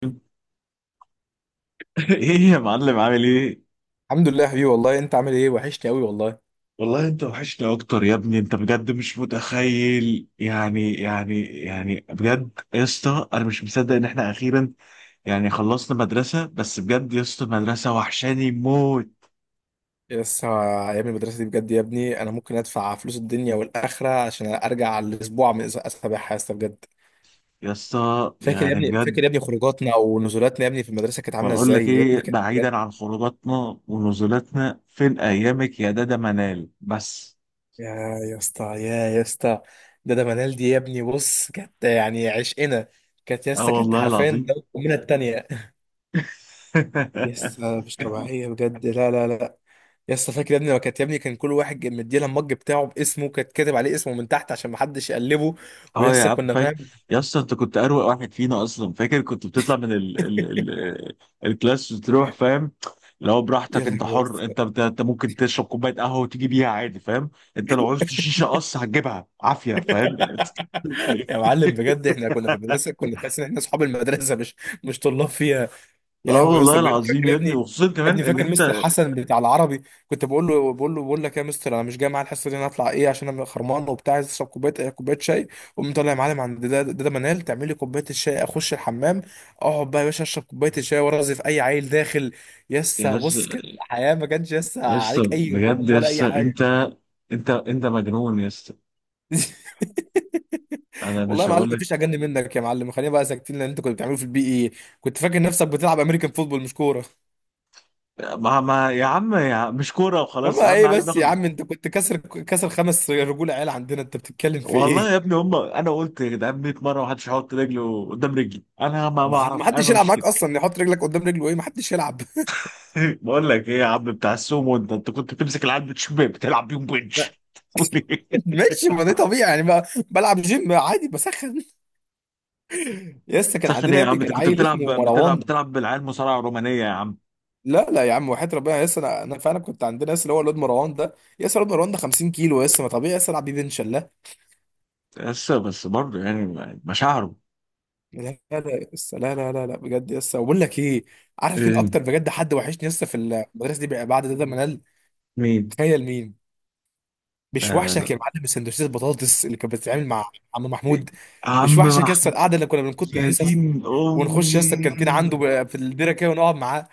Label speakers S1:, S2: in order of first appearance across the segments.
S1: ايه يا معلم عامل ايه؟
S2: الحمد لله يا حبيبي، والله انت عامل ايه؟ وحشني قوي والله.
S1: والله انت وحشنا اكتر يا ابني، انت بجد مش متخيل. يعني بجد يا اسطى، انا مش مصدق ان احنا اخيرا يعني خلصنا مدرسة. بس بجد يا اسطى المدرسة وحشاني موت
S2: لسه ايام المدرسه دي بجد يا ابني، انا ممكن ادفع فلوس الدنيا والاخره عشان ارجع على الاسبوع من اسابيعها يا اسطى بجد.
S1: يا اسطى،
S2: فاكر يا
S1: يعني
S2: ابني،
S1: بجد.
S2: فاكر يا ابني خروجاتنا ونزولاتنا يا ابني في المدرسه، كانت عامله
S1: بقول
S2: ازاي
S1: لك
S2: يا
S1: ايه،
S2: ابني؟ كانت بجد.
S1: بعيدا عن خروجاتنا ونزولاتنا، فين ايامك يا دادا منال بس؟
S2: يا يا اسطى، يا اسطى. ده منال دي يا ابني، بص كانت يعني عشقنا. كانت يا
S1: اه
S2: اسطى، كانت
S1: والله
S2: حرفيا
S1: العظيم.
S2: ده امنا التانيه. يسا مش طبيعية بجد، لا لا لا. يسا فاكر يا ابني لما كانت يا ابني، كان كل واحد مديلها المج بتاعه باسمه، كانت كاتب عليه اسمه من تحت عشان محدش يقلبه.
S1: اه يا
S2: ويسا
S1: عم
S2: كنا
S1: فاكر.
S2: فاهم.
S1: يا اسطى انت كنت اروق واحد فينا اصلا، فاكر كنت بتطلع من الكلاس وتروح فاهم، لو
S2: يا
S1: براحتك انت
S2: لهوي
S1: حر.
S2: يسا.
S1: انت ممكن تشرب كوبايه قهوه وتيجي بيها عادي فاهم. انت لو عوزت شيشه قص هتجيبها عافيه فاهم.
S2: يا معلم بجد، احنا كنا في المدرسة كنا تحس ان احنا اصحاب المدرسة مش طلاب فيها. يا
S1: اه
S2: لهوي يا اسطى
S1: والله
S2: بجد،
S1: العظيم
S2: فاكر يا
S1: يا
S2: ابني
S1: ابني،
S2: يا
S1: وخصوصا كمان
S2: ابني؟
S1: ان
S2: فاكر مستر
S1: انت
S2: حسن بتاع العربي، كنت بقول بقول لك يا مستر، انا مش جاي معايا الحصه دي، انا هطلع ايه عشان انا خرمان وبتاع، عايز اشرب كوبايه شاي. قوم طالع يا معلم عند ده منال تعمل لي كوبايه الشاي، اخش الحمام، اقعد بقى يا باشا اشرب كوبايه الشاي وارغي في اي عيل داخل.
S1: يا
S2: يسا بص كده،
S1: اسطى،
S2: حياه ما كانش يسا
S1: يا اسطى
S2: عليك اي
S1: بجد
S2: هموم
S1: يا
S2: ولا اي
S1: اسطى،
S2: حاجه.
S1: انت مجنون يا اسطى. انا
S2: والله
S1: مش
S2: يا معلم
S1: هقول لك.
S2: مفيش اجن منك يا معلم، خلينا بقى ساكتين لان انت كنت بتعمله في البي اي، كنت فاكر نفسك بتلعب امريكان فوتبول مش كوره.
S1: ما يا عم، يا عم مش كوره وخلاص،
S2: ماما
S1: اهم
S2: ايه
S1: حاجه
S2: بس يا
S1: بناخد.
S2: عم؟ انت كنت كسر خمس رجول عيال عندنا، انت بتتكلم في
S1: والله يا
S2: ايه؟
S1: ابني هم، انا قلت يا جدعان 100 مره محدش هيحط رجله قدام رجلي، انا ما
S2: ما حد- ما
S1: بعرف انا
S2: حدش يلعب
S1: بمشي
S2: معاك
S1: كده.
S2: اصلا يحط رجلك قدام رجله، ايه؟ ما حدش يلعب.
S1: بقول لك ايه يا عم بتاع السومو، انت كنت بتمسك العيال بتشبه بتلعب بيهم
S2: لا،
S1: بنش.
S2: ماشي، ما ده طبيعي يعني، بقى بلعب جيم عادي، بسخن. لسه كان
S1: سخن ايه
S2: عندنا يا
S1: يا
S2: ابني،
S1: عم، انت
S2: كان
S1: كنت
S2: عيل
S1: بتلعب
S2: اسمه
S1: بتلعب
S2: مروان.
S1: بتلعب بالعيال مصارعه رومانيه يا عم.
S2: لا لا يا عم، وحياة ربنا يس، انا فعلا كنت عندنا يس، اللي هو الواد مروان ده يس، الواد مروان ده 50 كيلو يس، ما طبيعي يس العب بيه بنش؟ لا
S1: بس بس برضه يعني مشاعره.
S2: لا لا يس، لا لا لا لا بجد يس. وبقول لك ايه، عارف مين
S1: إيه،
S2: اكتر بجد حد وحشني يس في المدرسه دي بعد ده منال؟
S1: مين؟
S2: تخيل مين. مش وحشك يا
S1: آه.
S2: معلم السندوتشات البطاطس اللي كانت بتتعمل مع عم
S1: إيه،
S2: محمود؟ مش
S1: عم
S2: وحشك يا اسطى
S1: محمود.
S2: القعده اللي كنا بنكت
S1: يا
S2: الحصص،
S1: دين
S2: ونخش يا اسطى
S1: امي.
S2: الكانتين عنده في الديره كده ونقعد معاه؟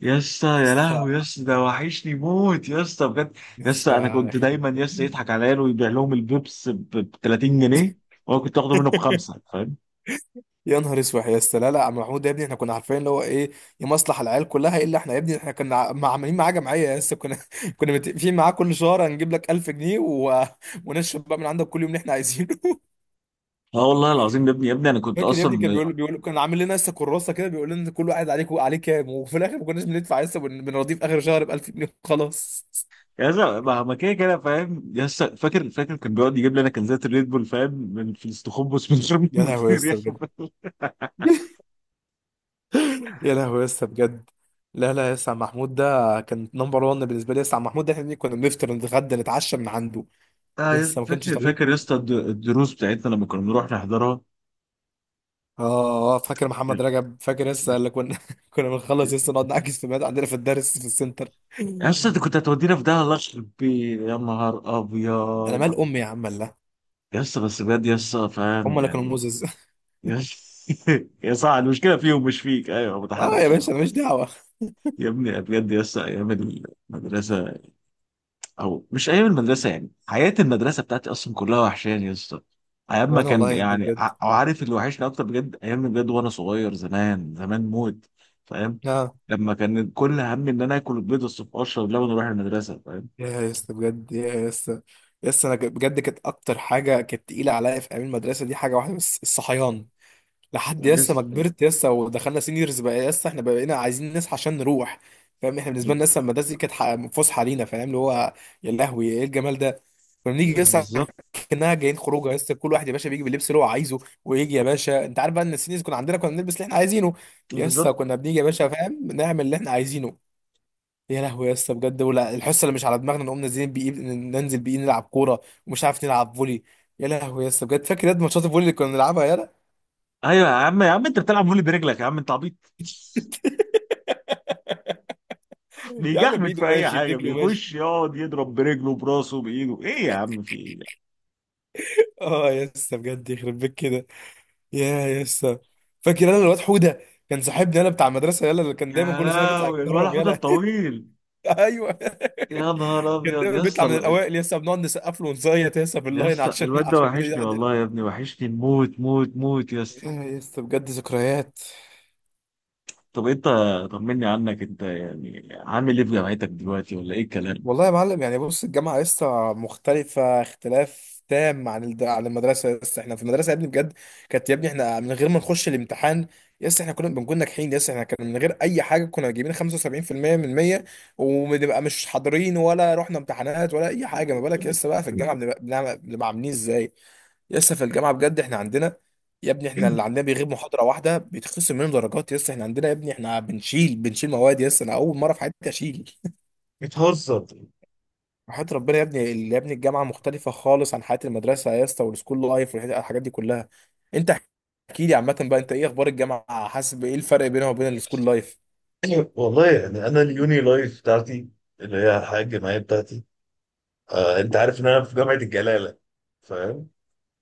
S1: يا اسطى
S2: يا
S1: يا
S2: اسطى،
S1: لهوي يا اسطى، ده وحشني موت يا اسطى بجد.
S2: يا
S1: يا اسطى انا
S2: اسطى،
S1: كنت
S2: يخرب
S1: دايما يا اسطى
S2: بيت.
S1: يضحك عليا ويبيع لهم البيبس ب 30 جنيه، وانا كنت اخده منه بخمسه فاهم.
S2: يا نهار اسود يا اسطى. لا لا، عم محمود ده يا ابني، احنا كنا عارفين اللي هو ايه، يمصلح العيال كلها الا احنا يا ابني. احنا كنا عاملين معاه جمعيه يا اسطى، كنا كنا متفقين معاه كل شهر هنجيب لك 1000 جنيه و... ونشرب بقى من عندك كل يوم اللي احنا عايزينه.
S1: اه والله العظيم يا ابني، يا ابني انا كنت
S2: فاكر يا ابني كان
S1: اصلا.
S2: بيقول، كان عامل لنا لسه كراسه كده، بيقول لنا كل واحد عليك عليه كام، وفي الاخر ما كناش بندفع، لسه بنرضيه في اخر شهر ب 1000 جنيه وخلاص.
S1: يا اسطى، ما كده كده فاهم يا اسطى. فاكر فاكر كان بيقعد يجيب لي انا كنزات الريد بول فاهم، من في الاستخبص، من غير ما
S2: يا لهوي يا
S1: المدير
S2: اسطى
S1: ياخد
S2: بجد،
S1: بالك.
S2: يا لهوي يا اسطى بجد. لا لا يا اسطى، عم محمود ده كان نمبر 1 بالنسبه لي يا اسطى، عم محمود ده احنا كنا بنفطر نتغدى نتعشى من عنده.
S1: اه
S2: يا
S1: يا
S2: اسطى
S1: اسطى،
S2: ما كانش
S1: فاكر
S2: طبيعي.
S1: فاكر يا اسطى الدروس بتاعتنا لما كنا بنروح نحضرها.
S2: اه آه، فاكر محمد رجب؟ فاكر لسه اللي كنا كنا بنخلص لسه نقعد نعكس في بيت عندنا في الدرس في السنتر.
S1: يا اسطى انت كنت هتودينا في ده، الله يخرب بيه يا نهار
S2: انا
S1: ابيض.
S2: مال امي يا عم، الله.
S1: يس بس بجد يس فاهم
S2: هم اللي كانوا
S1: يعني.
S2: موزز.
S1: يس. يا صح المشكله فيهم مش فيك، ايوه
S2: اه يا
S1: متحرش يعني.
S2: باشا، انا مش دعوه.
S1: يا ابني بجد يس ايام المدرسه، او مش ايام المدرسه، يعني حياه المدرسه بتاعتي اصلا كلها وحشاني يس. ايام ما
S2: وانا
S1: كان
S2: والله يا ابني
S1: يعني
S2: بجد.
S1: او عارف اللي وحشني اكتر بجد، ايام بجد وانا صغير زمان زمان موت فاهم.
S2: اه،
S1: لما كان كل همي ان انا اكل البيض الصبح واشرب لبن واروح المدرسه فاهم.
S2: يا اسطى بجد، يا اسطى. يا اسطى، انا بجد كانت اكتر حاجه كانت تقيله عليا في ايام المدرسه دي حاجه واحده بس، الصحيان. لحد يا اسطى
S1: يس
S2: ما كبرت يا اسطى، ودخلنا سينيورز بقى يا اسطى، احنا بقينا عايزين نصحى عشان نروح. فاهم احنا بالنسبه لنا لسه المدرسه دي كانت فسحه لينا، فاهم اللي هو؟ يا لهوي ايه الجمال ده. كنا بنيجي يا اسطى
S1: بالظبط.
S2: كانها جايين خروجه يا اسطى، كل واحد يا باشا بيجي باللبس اللي هو عايزه، ويجي يا باشا. انت عارف بقى ان السينيورز كنا عندنا كنا بنلبس اللي احنا عايزينه. يا اسطى
S1: بالظبط.
S2: كنا بنيجي يا باشا، فاهم؟ نعمل اللي احنا عايزينه. يا لهوي يا اسطى بجد، ولا الحصه اللي مش على دماغنا نقوم نازلين بيه، ننزل بيه نلعب كوره، ومش عارف نلعب فولي. يا لهوي يا اسطى بجد، فاكر ياد ماتشات الفولي اللي كنا بنلعبها يالا.
S1: ايوه يا عم، يا عم انت بتلعب فولي برجلك يا عم انت عبيط،
S2: يا عم
S1: بيجعبد
S2: بايده
S1: في اي
S2: ماشي،
S1: حاجه،
S2: برجله ماشي.
S1: بيخش يقعد يضرب برجله براسه بايده ايه يا عم، في ايه.
S2: اه يا اسطى بجد، يخرب بيك كده. يا اسطى. فاكر انا الواد حوده، كان صاحبنا يالا بتاع المدرسه يالا، اللي كان دايما
S1: يا
S2: كل سنه بيطلع
S1: لهوي الولا
S2: يتكرم
S1: حوده
S2: يالا.
S1: الطويل.
S2: ايوه.
S1: يا نهار
S2: كان
S1: ابيض
S2: دايما
S1: يا
S2: بيطلع
S1: اسطى.
S2: من الاوائل يا اسطى، بنقعد نسقف له ونزيط يا اسطى
S1: يا
S2: باللاين
S1: اسطى
S2: عشان
S1: الواد ده
S2: عشان
S1: وحشني
S2: يقعد يا.
S1: والله يا ابني، وحشني موت موت موت يا اسطى.
S2: يا اسطى بجد ذكريات.
S1: طب انت، طمني عنك انت، يعني عامل ايه في جامعتك دلوقتي ولا ايه الكلام؟
S2: والله يا معلم يعني بص، الجامعة لسه مختلفة اختلاف تام عن عن المدرسة. لسه احنا في المدرسة يا ابني بجد، كانت يا ابني احنا من غير ما نخش الامتحان لسه احنا كنا بنكون ناجحين. لسه احنا كنا من غير أي حاجة كنا جايبين 75% من 100، وبنبقى مش حاضرين ولا رحنا امتحانات ولا أي حاجة. ما بالك لسه بقى في الجامعة بنبقى بنبقى عاملين ازاي. لسه في الجامعة بجد احنا عندنا يا ابني، احنا اللي عندنا بيغيب محاضرة واحدة بيتخصم منه درجات. لسه احنا عندنا يا ابني، احنا بنشيل مواد، لسه انا أول مرة في حياتي أشيل.
S1: بتهزر.
S2: وحياة ربنا يا ابني، يا ابني الجامعة مختلفة خالص عن حياة المدرسة يا اسطى، والسكول لايف والحاجات دي كلها. انت احكي لي عامة بقى، انت ايه اخبار الجامعة؟ حاسس بايه الفرق بينها وبين السكول لايف؟
S1: والله يعني انا اليوني لايف بتاعتي، اللي هي الحياه الجامعيه بتاعتي. آه انت عارف ان انا في جامعه الجلاله فاهم.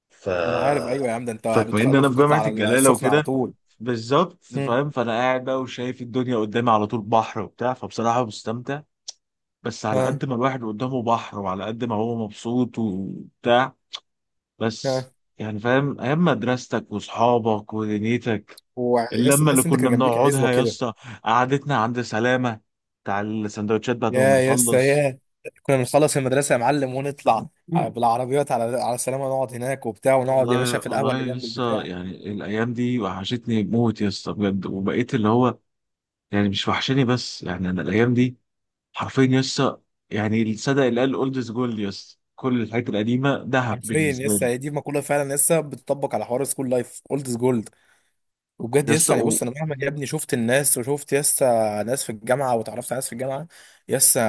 S1: ف
S2: ما انا عارف، ايوه يا عم، ده انت
S1: فكما ان انا
S2: بتخلص
S1: في
S2: وتطلع
S1: جامعه
S2: على
S1: الجلاله
S2: السخنة على
S1: وكده
S2: طول.
S1: بالظبط
S2: هم.
S1: فاهم، فانا قاعد بقى وشايف الدنيا قدامي على طول بحر وبتاع، فبصراحه مستمتع. بس على
S2: ها.
S1: قد ما الواحد قدامه بحر وعلى قد ما هو مبسوط وبتاع، بس
S2: ها.
S1: يعني فاهم ايام مدرستك واصحابك ودنيتك،
S2: ويا اسطى
S1: اللمه اللي
S2: تحس انت
S1: كنا
S2: كان جنبيك عزوة
S1: بنقعدها يا
S2: كده.
S1: اسطى، قعدتنا عند سلامه بتاع السندوتشات بعد
S2: يا
S1: ما
S2: يا اسطى
S1: بنخلص.
S2: يا. كنا بنخلص المدرسة يا معلم، ونطلع بالعربيات على السلامة، نقعد هناك وبتاع، ونقعد يا باشا
S1: والله
S2: في القهوة
S1: والله
S2: اللي جنب
S1: لسه
S2: البتاع.
S1: يعني الايام دي وحشتني موت يا اسطى بجد، وبقيت اللي هو يعني مش وحشاني بس، يعني انا الايام دي حرفيا يسا. يعني الصدق اللي قال اولدز جولد، يسا كل الحاجات القديمه ذهب
S2: حرفيا
S1: بالنسبه
S2: لسه
S1: لي.
S2: هي دي مقولة، فعلا لسه بتطبق على حوار السكول لايف، اولد جولد. وبجد
S1: يسا
S2: يسا يعني
S1: و...
S2: بص، انا مهما يا ابني شفت الناس وشفت يسا ناس في الجامعه واتعرفت على ناس في الجامعه يسا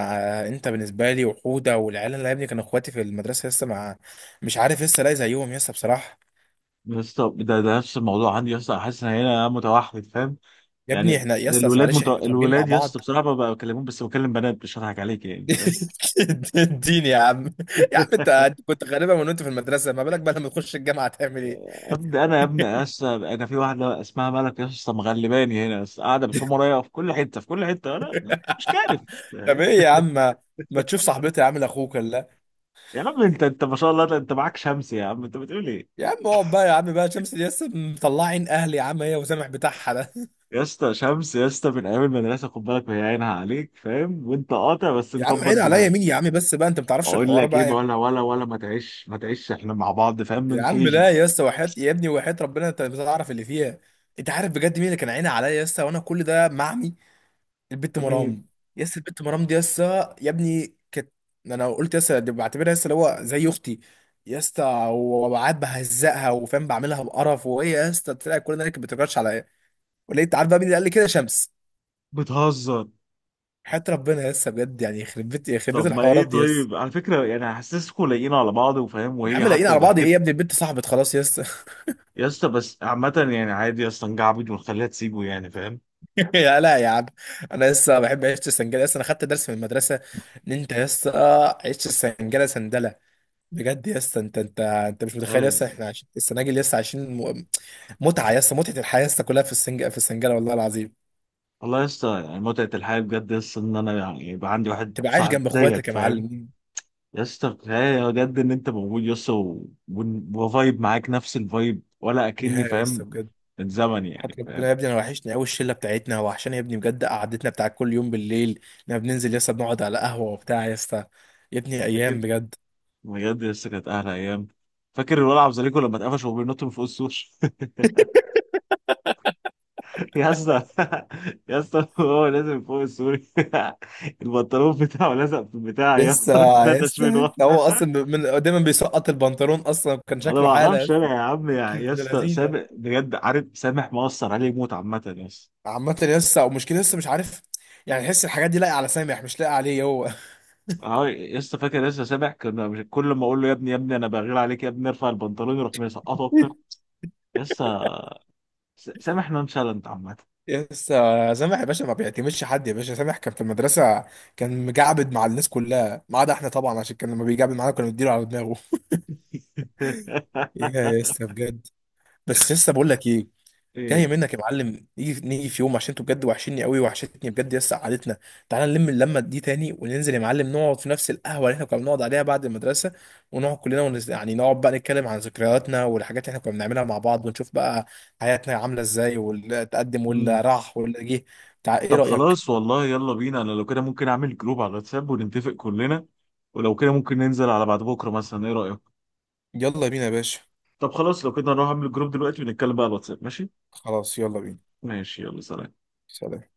S2: آه، انت بالنسبه لي وحوده والعيال اللي يا ابني كانوا اخواتي في المدرسه يسا، مع مش عارف يسا الاقي زيهم يسا بصراحه.
S1: يسا ده نفس الموضوع عندي يسا، حاسس ان انا متوحد فاهم.
S2: يا ابني
S1: يعني
S2: احنا يسا، بس معلش احنا متربيين مع
S1: الولاد يسا
S2: بعض.
S1: بصراحه ما بكلمهم، بس بكلم بنات، مش هضحك عليك يعني فاهم.
S2: الدين يا عم. يا عم انت أنت كنت غالبا من وانت في المدرسه، ما بالك بقى لما تخش الجامعه تعمل ايه؟
S1: ابدا انا يا ابني يسا، انا في واحده اسمها ملك يسا، مغلباني هنا يسا، قاعده بتحوم ورايا في كل حته، في كل حته انا مش كارف
S2: طب
S1: فاهم؟
S2: ايه يا عم، ما تشوف صاحبتي يا عم لاخوك، ولا؟
S1: يا عم انت ما شاء الله انت معاك شمس يا عم انت بتقول ايه.
S2: يا عم اقعد بقى يا عم بقى، شمس ياسا مطلعين اهلي يا عم، هي وسامح بتاعها.
S1: يا اسطى شمس يا اسطى، من ايام المدرسه خد بالك، وهي عينها عليك فاهم، وانت قاطع بس
S2: يا عم
S1: مكبر
S2: عيد عليا
S1: دماغك.
S2: مين يا عم بس بقى، انت ما بتعرفش
S1: اقول
S2: الحوار
S1: لك ايه،
S2: بقى يا عم.
S1: ولا ولا ولا ما تعيش ما تعيش، احنا مع بعض فاهم
S2: يا
S1: من
S2: عم
S1: كيجي.
S2: لا يا اسطى، وحياة يا ابني، وحياة ربنا انت مش هتعرف اللي فيها. انت عارف بجد مين اللي كان عيني عليا يا اسطى، وانا كل ده معمي؟ البت
S1: مين؟
S2: مرام. يا اسطى البت مرام دي يا اسطى يا ابني كانت، انا قلت يا اسطى دي بعتبرها يا اسطى اللي هو زي اختي يا اسطى. وقعد بهزقها وفاهم، بعملها بقرف، وهي يا اسطى طلعت كل ده اللي كانت بتكرش عليا. ولقيت عارف بقى مين اللي قال لي كده؟ شمس.
S1: بتهزر.
S2: حياة ربنا يا اسطى بجد يعني، يخرب بيت
S1: طب ما ايه،
S2: الحوارات دي يا اسطى.
S1: طيب على فكره يعني حاسسكم لايقين على بعض وفاهم،
S2: يا
S1: وهي
S2: عم لاقيين
S1: حتى
S2: على بعض ايه يا
S1: ضحكت.
S2: ابني؟ البت صاحبت خلاص يا اسطى.
S1: يا اسطى بس عامه يعني عادي يا اسطى نجعبد ونخليها تسيبه يعني فاهم.
S2: يا لا يا عم. انا لسه بحب عيش السنجله، لسه انا خدت درس من المدرسه ان انت لسه عيش السنجله سندله. بجد لسه انت مش متخيل،
S1: ايوه.
S2: لسه احنا عايشين السناجل، لسه عايشين متعه. لسه متعه الحياه لسه كلها في في السنجله والله العظيم.
S1: والله يا اسطى يعني متعه الحياه بجد يا اسطى، ان انا يعني يبقى عندي واحد
S2: تبقى عايش
S1: صاحب
S2: جنب
S1: زيك
S2: اخواتك يا
S1: فاهم.
S2: معلم.
S1: يا اسطى كفايه بجد ان انت موجود يا اسطى، وفايب معاك نفس الفايب ولا اكني
S2: يا لسه
S1: فاهم،
S2: بجد.
S1: الزمن يعني
S2: حتى ربنا
S1: فاهم.
S2: يا ابني، انا وحشني قوي الشله بتاعتنا، وحشاني يا ابني بجد، قعدتنا بتاع كل يوم بالليل لما بننزل، لسه بنقعد على قهوه وبتاع. لسه يا ابني ايام
S1: فاكر،
S2: بجد.
S1: بجد يا اسطى كانت احلى ايام. فاكر الولع عبد الزليكو لما اتقفش وهو بينط من فوق السور. يا اسطى يا اسطى هو لازم من فوق السور. البنطلون بتاعه لزق في البتاع يا
S2: يسا،
S1: اسطى، اتنتش
S2: يسا
S1: منه
S2: يسا،
S1: انا.
S2: هو اصلا من دايما بيسقط البنطلون، اصلا كان شكله
S1: ما
S2: حاله
S1: اعرفش
S2: يسا.
S1: انا يا عم،
S2: كان
S1: يا
S2: شكله
S1: يا
S2: ابن
S1: اسطى
S2: لذيذ يعني.
S1: سامح بجد، عارف سامح مؤثر عليه موت عامه يا اسطى.
S2: عامة يسا، ومشكلة يسا، مش عارف يعني، تحس الحاجات دي لاقية على سامح مش لاقية عليه هو.
S1: اه لسه فاكر، لسه سامع كنا، مش كل ما اقول له يا ابني، يا ابني انا بغير عليك، يا ابني ارفع البنطلون يروح مسقطه اكتر. لسه سامح نونشالنت عامه.
S2: يسا سامح يا باشا ما بيعتمدش حد يا باشا، سامح كان في المدرسة كان مجعبد مع الناس كلها ما عدا احنا طبعا، عشان كان لما بيجعبد معانا كنا بنديله على دماغه. يا يسا بجد. بس يسا بقول لك ايه، جايه
S1: ايه.
S2: منك يا معلم، نيجي في يوم عشان انتوا بجد وحشني قوي، وحشتني بجد يس قعدتنا. تعالى نلم اللمه دي تاني، وننزل يا معلم نقعد في نفس القهوه اللي احنا كنا بنقعد عليها بعد المدرسه، ونقعد كلنا يعني نقعد بقى نتكلم عن ذكرياتنا والحاجات اللي احنا كنا بنعملها مع بعض، ونشوف بقى حياتنا عامله ازاي، واللي تقدم
S1: مم.
S2: واللي راح واللي جه. ايه
S1: طب
S2: رايك؟
S1: خلاص والله يلا بينا، انا لو كده ممكن اعمل جروب على الواتساب ونتفق كلنا، ولو كده ممكن ننزل على بعد بكره مثلا، ايه رايك؟
S2: يلا بينا يا باشا.
S1: طب خلاص لو كده نروح اعمل الجروب دلوقتي ونتكلم بقى على الواتساب، ماشي.
S2: خلاص يلا بينا.
S1: ماشي يلا سلام.
S2: سلام.